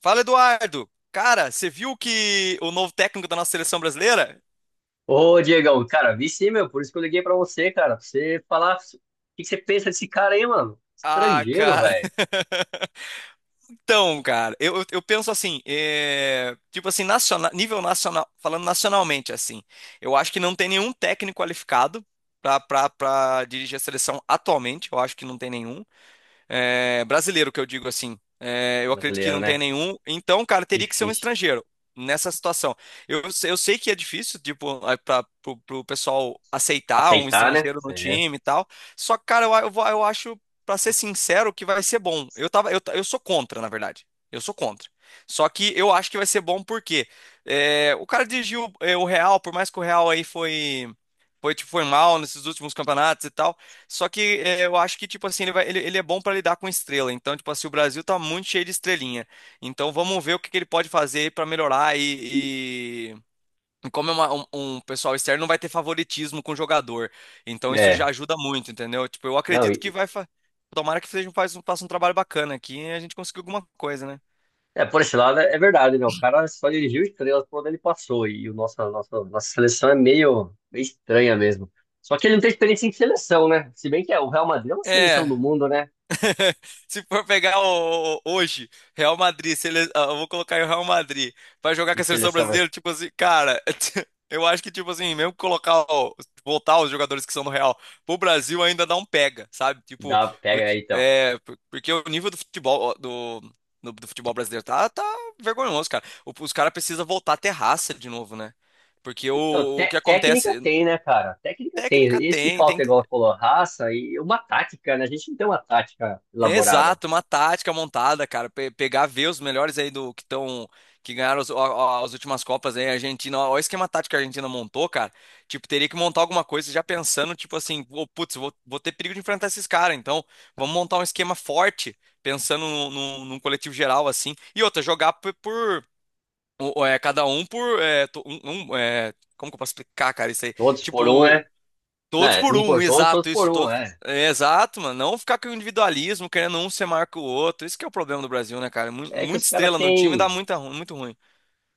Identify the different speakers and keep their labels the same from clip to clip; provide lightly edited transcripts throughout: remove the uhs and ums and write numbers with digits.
Speaker 1: Fala, Eduardo. Cara, você viu que o novo técnico da nossa seleção brasileira?
Speaker 2: Ô, Diegão, cara, vi sim, meu, por isso que eu liguei pra você, cara, pra você falar o que que você pensa desse cara aí, mano?
Speaker 1: Ah,
Speaker 2: Estrangeiro,
Speaker 1: cara.
Speaker 2: velho.
Speaker 1: Então, cara, eu penso assim, tipo assim, nível nacional, falando nacionalmente, assim, eu acho que não tem nenhum técnico qualificado pra dirigir a seleção atualmente, eu acho que não tem nenhum. Brasileiro, que eu digo assim. Eu acredito que
Speaker 2: Brasileiro,
Speaker 1: não tenha
Speaker 2: né?
Speaker 1: nenhum. Então, cara, teria que ser um
Speaker 2: Difícil.
Speaker 1: estrangeiro nessa situação. Eu sei que é difícil, tipo, para o pessoal aceitar um
Speaker 2: Aceitar, né?
Speaker 1: estrangeiro no
Speaker 2: É,
Speaker 1: time e tal. Só que, cara, eu acho, para ser sincero, que vai ser bom. Eu sou contra, na verdade. Eu sou contra. Só que eu acho que vai ser bom porque o cara dirigiu o Real, por mais que o Real aí foi, tipo, foi mal nesses últimos campeonatos e tal. Só que eu acho que, tipo assim, ele é bom para lidar com estrela. Então, tipo assim, o Brasil tá muito cheio de estrelinha. Então, vamos ver o que, que ele pode fazer para melhorar. E como é um pessoal externo, não vai ter favoritismo com o jogador. Então, isso já
Speaker 2: é.
Speaker 1: ajuda muito, entendeu? Tipo, eu
Speaker 2: Não,
Speaker 1: acredito que vai. Tomara que seja, faça um trabalho bacana aqui e a gente consiga alguma coisa, né?
Speaker 2: é, por esse lado é verdade, né? O cara só dirigiu estrelas por onde ele passou, e o nosso, a nossa seleção é meio estranha mesmo. Só que ele não tem experiência em seleção, né? Se bem que é, o Real Madrid é uma seleção
Speaker 1: É.
Speaker 2: do mundo, né?
Speaker 1: Se for pegar hoje, Real Madrid, se ele, ah, eu vou colocar o Real Madrid pra jogar com
Speaker 2: E
Speaker 1: a seleção
Speaker 2: seleção
Speaker 1: brasileira,
Speaker 2: mas
Speaker 1: tipo assim, cara, eu acho que, tipo assim, mesmo colocar, voltar os jogadores que são do Real pro Brasil ainda não pega, sabe? Tipo,
Speaker 2: dá, pega
Speaker 1: porque,
Speaker 2: aí, então.
Speaker 1: porque o nível do futebol, ó, do, no- do futebol brasileiro tá vergonhoso, cara. Os caras precisam voltar a ter raça de novo, né? Porque
Speaker 2: Não,
Speaker 1: o que
Speaker 2: técnica
Speaker 1: acontece,
Speaker 2: tem, né, cara? Técnica tem.
Speaker 1: técnica
Speaker 2: Esse que
Speaker 1: tem,
Speaker 2: falta,
Speaker 1: tem.
Speaker 2: igual você falou, raça e uma tática, né? A gente não tem uma tática elaborada.
Speaker 1: Exato, uma tática montada, cara. Pegar, ver os melhores aí do que estão, que ganharam as últimas Copas aí, a Argentina. Olha o esquema tático que a Argentina montou, cara. Tipo, teria que montar alguma coisa já pensando, tipo assim, "Ô, putz, vou ter perigo de enfrentar esses caras, então vamos montar um esquema forte, pensando num coletivo geral, assim. E outra, jogar por, cada um por. Como que eu posso explicar, cara, isso aí?
Speaker 2: Todos por um, né?
Speaker 1: Tipo. Todos
Speaker 2: Né,
Speaker 1: por
Speaker 2: um
Speaker 1: um,
Speaker 2: por todos, todos
Speaker 1: exato,
Speaker 2: por
Speaker 1: isso,
Speaker 2: um,
Speaker 1: todos.
Speaker 2: é.
Speaker 1: Exato, mano. Não ficar com o individualismo, querendo um ser maior que o outro. Isso que é o problema do Brasil, né, cara?
Speaker 2: É que os
Speaker 1: Muita
Speaker 2: caras
Speaker 1: estrela no time dá
Speaker 2: têm.
Speaker 1: muito ruim.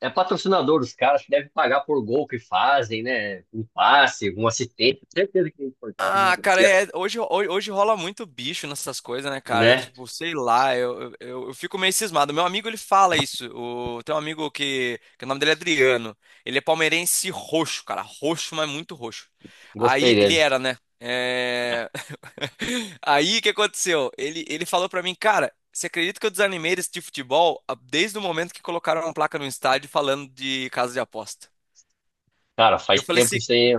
Speaker 2: É patrocinador dos caras que deve pagar por gol que fazem, né? Um passe, um assistente. Certeza que tem por trás, né?
Speaker 1: Ah, cara, hoje rola muito bicho nessas coisas, né, cara?
Speaker 2: Né?
Speaker 1: Tipo, sei lá, eu fico meio cismado. Meu amigo, ele fala isso. Tem um amigo que o nome dele é Adriano. Ele é palmeirense roxo, cara. Roxo, mas muito roxo.
Speaker 2: Gostei
Speaker 1: Aí, ele
Speaker 2: dele.
Speaker 1: era, né?
Speaker 2: Ah,
Speaker 1: Aí o que aconteceu? Ele falou pra mim, cara, você acredita que eu desanimei desse tipo de futebol desde o momento que colocaram uma placa no estádio falando de casa de aposta?
Speaker 2: cara,
Speaker 1: Eu
Speaker 2: faz
Speaker 1: falei
Speaker 2: tempo
Speaker 1: assim,
Speaker 2: isso aí.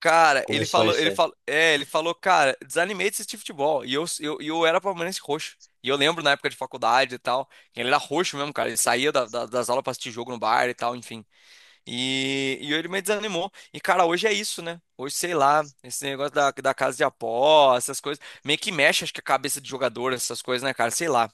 Speaker 1: cara, ele
Speaker 2: Começou
Speaker 1: falou,
Speaker 2: isso
Speaker 1: ele
Speaker 2: aí.
Speaker 1: falou, é, ele falou, cara, desanimei desse tipo de futebol. E eu era palmeirense roxo. E eu lembro na época de faculdade e tal, ele era roxo mesmo, cara. Ele saía das aulas pra assistir jogo no bar e tal, enfim. E ele me desanimou. E, cara, hoje é isso, né? Hoje, sei lá, esse negócio da casa de apostas, essas coisas. Meio que mexe, acho que a cabeça de jogador, essas coisas, né, cara? Sei lá.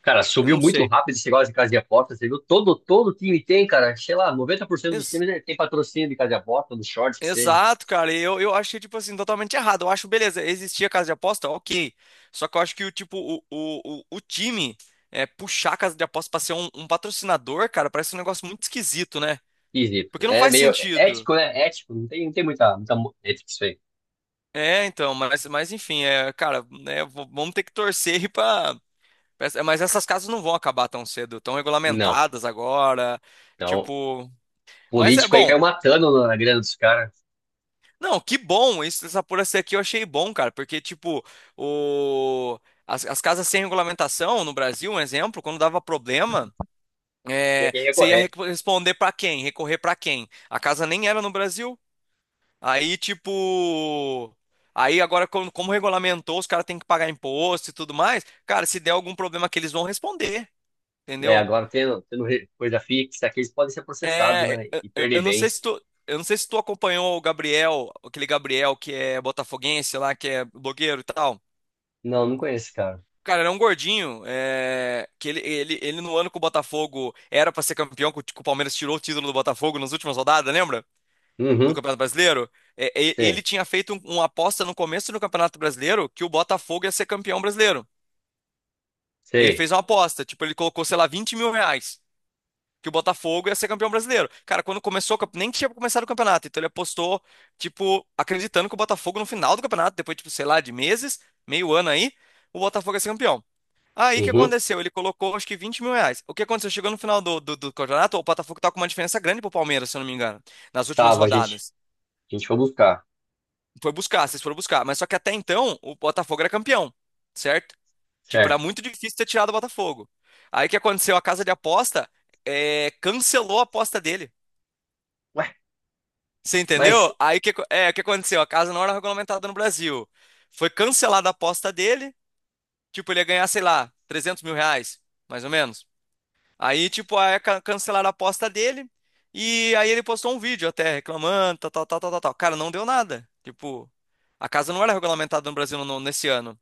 Speaker 2: Cara,
Speaker 1: Eu
Speaker 2: subiu
Speaker 1: não
Speaker 2: muito
Speaker 1: sei.
Speaker 2: rápido esse negócio de casa de aposta, você viu? Todo time tem, cara, sei lá, 90% dos
Speaker 1: Ex-
Speaker 2: times tem patrocínio de casa de aposta, dos shorts, que seja.
Speaker 1: Exato, cara. E eu achei, tipo assim, totalmente errado. Eu acho, beleza, existia casa de aposta, ok. Só que eu acho que o tipo, o time puxar a casa de aposta pra ser um patrocinador, cara, parece um negócio muito esquisito, né?
Speaker 2: Esquisito.
Speaker 1: Porque não
Speaker 2: É
Speaker 1: faz
Speaker 2: meio
Speaker 1: sentido.
Speaker 2: ético, né? Ético, não tem muita, ética isso aí.
Speaker 1: É, então, mas enfim, cara, né, vamos ter que torcer aí pra. Mas essas casas não vão acabar tão cedo, estão
Speaker 2: Não.
Speaker 1: regulamentadas agora.
Speaker 2: Então,
Speaker 1: Tipo, mas é
Speaker 2: político aí
Speaker 1: bom.
Speaker 2: caiu matando na grana dos caras.
Speaker 1: Não, que bom. Isso, essa apuração aqui eu achei bom, cara, porque, tipo, o, as casas sem regulamentação no Brasil, um exemplo, quando dava problema,
Speaker 2: Tinha quem ia
Speaker 1: você ia
Speaker 2: correr.
Speaker 1: responder pra quem? Recorrer pra quem? A casa nem era no Brasil. Aí, tipo. Aí agora, como regulamentou, os caras têm que pagar imposto e tudo mais. Cara, se der algum problema que eles vão responder.
Speaker 2: É,
Speaker 1: Entendeu?
Speaker 2: agora tendo, coisa fixa aqui, eles podem ser processados,
Speaker 1: É, é,
Speaker 2: né? E
Speaker 1: é,
Speaker 2: perder
Speaker 1: eu não sei se
Speaker 2: bens.
Speaker 1: tu, eu não sei se tu acompanhou o Gabriel, aquele Gabriel que é botafoguense lá, que é blogueiro e tal.
Speaker 2: Não, não conheço cara.
Speaker 1: Cara, era um gordinho, que ele no ano que o Botafogo era pra ser campeão, que o Palmeiras tirou o título do Botafogo nas últimas rodadas, lembra? No
Speaker 2: Uhum,
Speaker 1: Campeonato Brasileiro. Ele
Speaker 2: sei,
Speaker 1: tinha feito uma aposta no começo do Campeonato Brasileiro que o Botafogo ia ser campeão brasileiro. Ele
Speaker 2: sei.
Speaker 1: fez uma aposta, tipo, ele colocou, sei lá, vinte mil reais, que o Botafogo ia ser campeão brasileiro. Cara, quando começou, nem tinha começado o campeonato, então ele apostou, tipo, acreditando que o Botafogo no final do campeonato, depois, tipo, sei lá, de meses, meio ano aí, o Botafogo ia ser campeão. Aí o que
Speaker 2: Uhum,
Speaker 1: aconteceu? Ele colocou acho que R$ 20.000. O que aconteceu? Chegou no final do campeonato, o Botafogo tá com uma diferença grande pro Palmeiras, se eu não me engano, nas últimas
Speaker 2: tava, a gente,
Speaker 1: rodadas.
Speaker 2: a gente foi buscar,
Speaker 1: Foi buscar, vocês foram buscar. Mas só que até então, o Botafogo era campeão, certo? Tipo, era
Speaker 2: certo?
Speaker 1: muito difícil ter tirado o Botafogo. Aí o que aconteceu? A casa de aposta cancelou a aposta dele.
Speaker 2: Ué,
Speaker 1: Você
Speaker 2: mas
Speaker 1: entendeu? Aí o que aconteceu? A casa não era regulamentada no Brasil. Foi cancelada a aposta dele. Tipo, ele ia ganhar, sei lá, R$ 300.000, mais ou menos. Aí, tipo, aí cancelaram a aposta dele. E aí ele postou um vídeo até reclamando, tal, tal, tal, tal, tal, tal. Cara, não deu nada. Tipo, a casa não era regulamentada no Brasil nesse ano.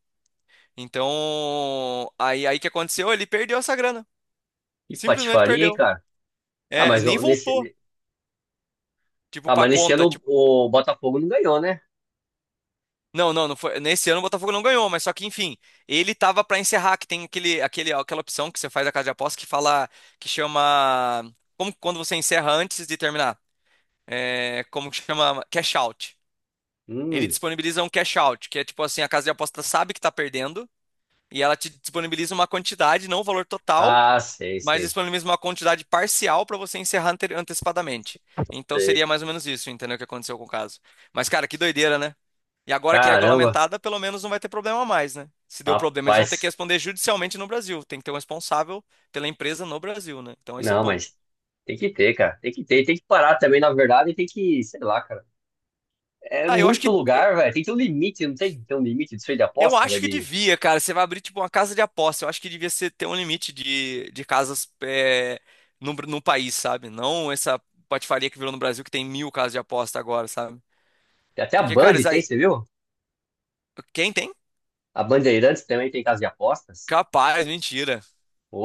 Speaker 1: Então, aí que aconteceu? Ele perdeu essa grana.
Speaker 2: que
Speaker 1: Simplesmente
Speaker 2: patifaria, hein,
Speaker 1: perdeu.
Speaker 2: cara? Ah,
Speaker 1: E nem voltou, tipo,
Speaker 2: ah,
Speaker 1: pra
Speaker 2: mas nesse
Speaker 1: conta.
Speaker 2: ano
Speaker 1: Tipo,
Speaker 2: o Botafogo não ganhou, né?
Speaker 1: Não, não, não foi. Nesse ano o Botafogo não ganhou, mas só que, enfim, ele tava pra encerrar, que tem aquela opção que você faz na casa de aposta que fala, que chama, como quando você encerra antes de terminar, como que chama? Cash out. Ele
Speaker 2: Hum,
Speaker 1: disponibiliza um cash out, que é tipo assim, a casa de aposta sabe que tá perdendo e ela te disponibiliza uma quantidade, não o valor total,
Speaker 2: ah, sei,
Speaker 1: mas
Speaker 2: sei,
Speaker 1: disponibiliza uma quantidade parcial pra você encerrar antecipadamente. Então
Speaker 2: sei.
Speaker 1: seria mais ou menos isso, entendeu o que aconteceu com o caso. Mas, cara, que doideira, né? E agora que é
Speaker 2: Caramba,
Speaker 1: regulamentada, pelo menos não vai ter problema mais, né? Se deu problema, eles vão ter que
Speaker 2: rapaz.
Speaker 1: responder judicialmente no Brasil. Tem que ter um responsável pela empresa no Brasil, né? Então isso é
Speaker 2: Não,
Speaker 1: bom.
Speaker 2: mas tem que ter, cara. Tem que ter. Tem que parar também, na verdade, e tem que, sei lá, cara. É
Speaker 1: Ah, eu acho
Speaker 2: muito
Speaker 1: que
Speaker 2: lugar, velho. Tem que ter um limite, não tem que ter um limite disso aí de aposta, velho.
Speaker 1: devia, cara. Você vai abrir tipo uma casa de aposta. Eu acho que devia ser ter um limite de casas no país, sabe? Não essa patifaria que virou no Brasil que tem mil casas de aposta agora, sabe?
Speaker 2: Tem até a
Speaker 1: Porque,
Speaker 2: Band
Speaker 1: cara, isso
Speaker 2: tem,
Speaker 1: aí,
Speaker 2: você viu?
Speaker 1: quem tem?
Speaker 2: A Bandeirantes também tem casa de apostas.
Speaker 1: Capaz, mentira.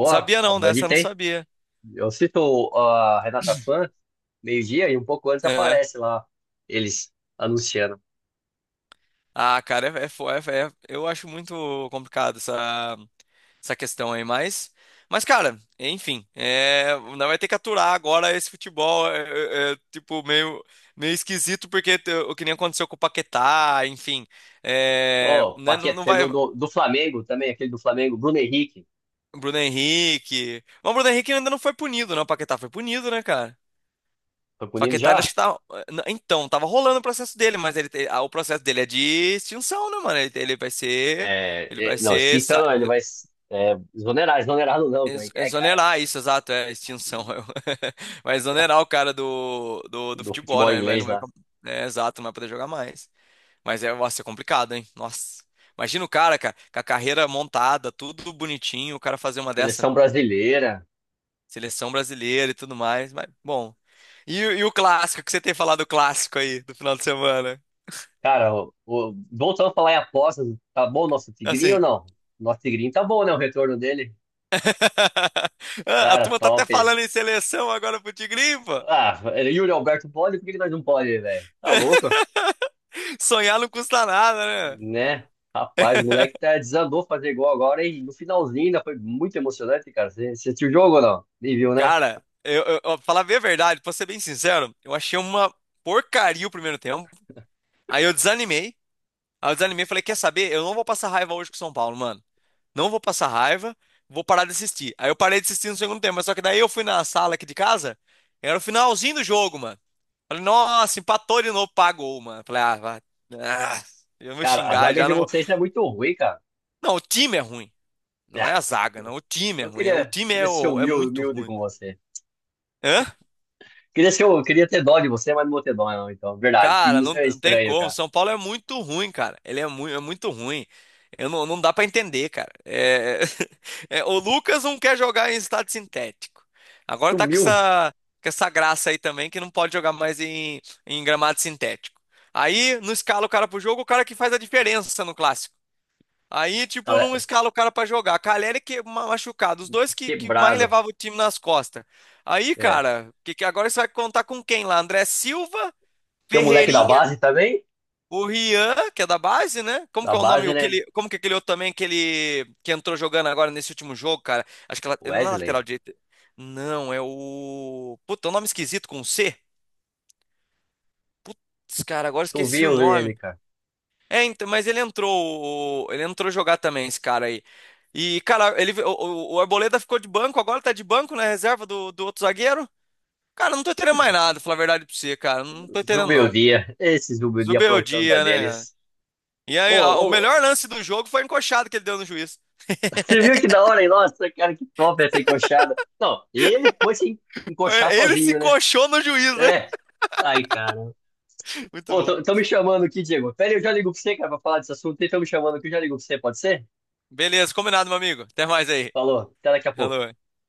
Speaker 1: Não
Speaker 2: a
Speaker 1: sabia não,
Speaker 2: Band
Speaker 1: dessa eu não
Speaker 2: tem.
Speaker 1: sabia.
Speaker 2: Eu cito a Renata Fã, meio-dia e um pouco antes aparece lá eles anunciando.
Speaker 1: Ah, cara, eu acho muito complicado essa questão aí, mas cara, enfim, não vai ter que aturar agora esse futebol, tipo, meio esquisito, porque o que nem aconteceu com o Paquetá, enfim,
Speaker 2: Ó,
Speaker 1: né, não,
Speaker 2: Paquetá,
Speaker 1: não
Speaker 2: teve
Speaker 1: vai.
Speaker 2: o do, do Flamengo também, aquele do Flamengo, Bruno Henrique.
Speaker 1: Bruno Henrique, mas o Bruno Henrique ainda não foi punido, né, o Paquetá foi punido, né, cara?
Speaker 2: Tô
Speaker 1: O
Speaker 2: punindo
Speaker 1: Paquetá, ele acho
Speaker 2: já?
Speaker 1: que tá, então, tava rolando o processo dele, o processo dele é de extinção, né, mano, ele vai ser... Ele vai
Speaker 2: Não,
Speaker 1: ser.
Speaker 2: extinção não, ele vai é, exonerar, exonerado não, como é que é, cara?
Speaker 1: Exonerar isso, exato, é extinção. Vai exonerar o cara do
Speaker 2: Do
Speaker 1: futebol,
Speaker 2: futebol
Speaker 1: né? Vai,
Speaker 2: inglês
Speaker 1: não vai,
Speaker 2: lá.
Speaker 1: exato, não vai poder jogar mais. Mas nossa, é complicado, hein? Nossa. Imagina o cara, cara, com a carreira montada, tudo bonitinho, o cara fazer uma dessa.
Speaker 2: Seleção brasileira.
Speaker 1: Seleção brasileira e tudo mais. Mas, bom. E o clássico, que você tem falado do clássico aí do final de semana?
Speaker 2: Cara, voltando a falar em apostas, tá bom o nosso Tigrinho ou
Speaker 1: Assim.
Speaker 2: não? Nosso Tigrinho tá bom, né? O retorno dele.
Speaker 1: A
Speaker 2: Cara,
Speaker 1: turma tá até
Speaker 2: top.
Speaker 1: falando em seleção agora pro Tigrinho, pô.
Speaker 2: Ah, Yuri Alberto pode, por que que nós não pode, velho? Tá louco?
Speaker 1: Sonhar não custa nada, né?"
Speaker 2: Né? Rapaz, o moleque tá, desandou fazer gol agora e no finalzinho ainda foi muito emocionante, cara. Você assistiu o jogo ou não? Nem viu, né?
Speaker 1: Cara, falar bem a verdade, pra ser bem sincero, eu achei uma porcaria o primeiro tempo. Aí eu desanimei. Aí eu desanimei e falei: quer saber? Eu não vou passar raiva hoje com o São Paulo, mano. Não vou passar raiva, vou parar de assistir. Aí eu parei de assistir no segundo tempo, mas só que daí eu fui na sala aqui de casa, era o finalzinho do jogo, mano. Falei, nossa, empatou de novo, pagou, mano. Falei, ah, vai. Ah, eu vou
Speaker 2: Cara, a
Speaker 1: xingar
Speaker 2: zaga
Speaker 1: já,
Speaker 2: de
Speaker 1: não vou.
Speaker 2: vocês é muito ruim, cara.
Speaker 1: Não, o time é ruim. Não é
Speaker 2: Ah,
Speaker 1: a zaga, não. O time é
Speaker 2: eu
Speaker 1: ruim. O
Speaker 2: queria,
Speaker 1: time
Speaker 2: queria ser
Speaker 1: é
Speaker 2: humilde,
Speaker 1: muito
Speaker 2: humilde
Speaker 1: ruim.
Speaker 2: com você.
Speaker 1: Hã?
Speaker 2: Queria ser, eu queria ter dó de você, mas não vou ter dó, não, então. Verdade, time
Speaker 1: Cara, não,
Speaker 2: isso é
Speaker 1: não tem
Speaker 2: estranho,
Speaker 1: como.
Speaker 2: cara.
Speaker 1: São Paulo é muito ruim, cara. Ele é, mu é muito ruim. Eu não, Não dá pra entender, cara. É... O Lucas não quer jogar em estádio sintético. Agora tá com
Speaker 2: Sumiu,
Speaker 1: essa, com essa graça aí também que não pode jogar mais em, gramado sintético. Aí não escala o cara pro jogo, o cara que faz a diferença no clássico. Aí, tipo,
Speaker 2: cara,
Speaker 1: não escala o cara pra jogar. Caleri que machucado, os dois que mais
Speaker 2: quebrado.
Speaker 1: levavam o time nas costas. Aí,
Speaker 2: É.
Speaker 1: cara, que agora você vai contar com quem lá? André Silva?
Speaker 2: Tem um moleque da
Speaker 1: Ferreirinha
Speaker 2: base também?
Speaker 1: o Rian, que é da base, né? Como
Speaker 2: Da
Speaker 1: que é o nome?
Speaker 2: base, né?
Speaker 1: Aquele, como que é aquele outro também que ele que entrou jogando agora nesse último jogo, cara? Acho que ela, não é lateral
Speaker 2: Wesley.
Speaker 1: direito. Não, é o. Puta, é um nome esquisito com um C. Putz, cara, agora
Speaker 2: Acho que eu vi
Speaker 1: esqueci o
Speaker 2: eu vi ele,
Speaker 1: nome.
Speaker 2: cara.
Speaker 1: É, então, mas ele entrou. Ele entrou jogar também, esse cara aí. E, cara, ele, o Arboleda ficou de banco, agora tá de banco na reserva do outro zagueiro. Cara, não tô entendendo mais nada, pra falar a verdade pra você, cara. Não tô entendendo,
Speaker 2: Zumbi o
Speaker 1: não.
Speaker 2: dia. Esses zumbi o dia aprontando a
Speaker 1: Zubeldia, né?
Speaker 2: deles.
Speaker 1: E
Speaker 2: Ô,
Speaker 1: aí, o
Speaker 2: ô,
Speaker 1: melhor lance do jogo foi a encoxada que ele deu no juiz.
Speaker 2: você viu que da hora, hein? Nossa, cara, que top essa encoxada. Não, ele foi se encoxar
Speaker 1: É. Ele se
Speaker 2: sozinho, né?
Speaker 1: encoxou no juiz, né?
Speaker 2: É. Ai, cara.
Speaker 1: Muito
Speaker 2: Pô,
Speaker 1: bom.
Speaker 2: tão me chamando aqui, Diego. Pera aí, eu já ligo pra você, cara, pra falar desse assunto. Estão me chamando aqui, eu já ligo pra você, pode ser?
Speaker 1: Beleza, combinado, meu amigo. Até mais aí.
Speaker 2: Falou, até daqui a pouco.
Speaker 1: Alô.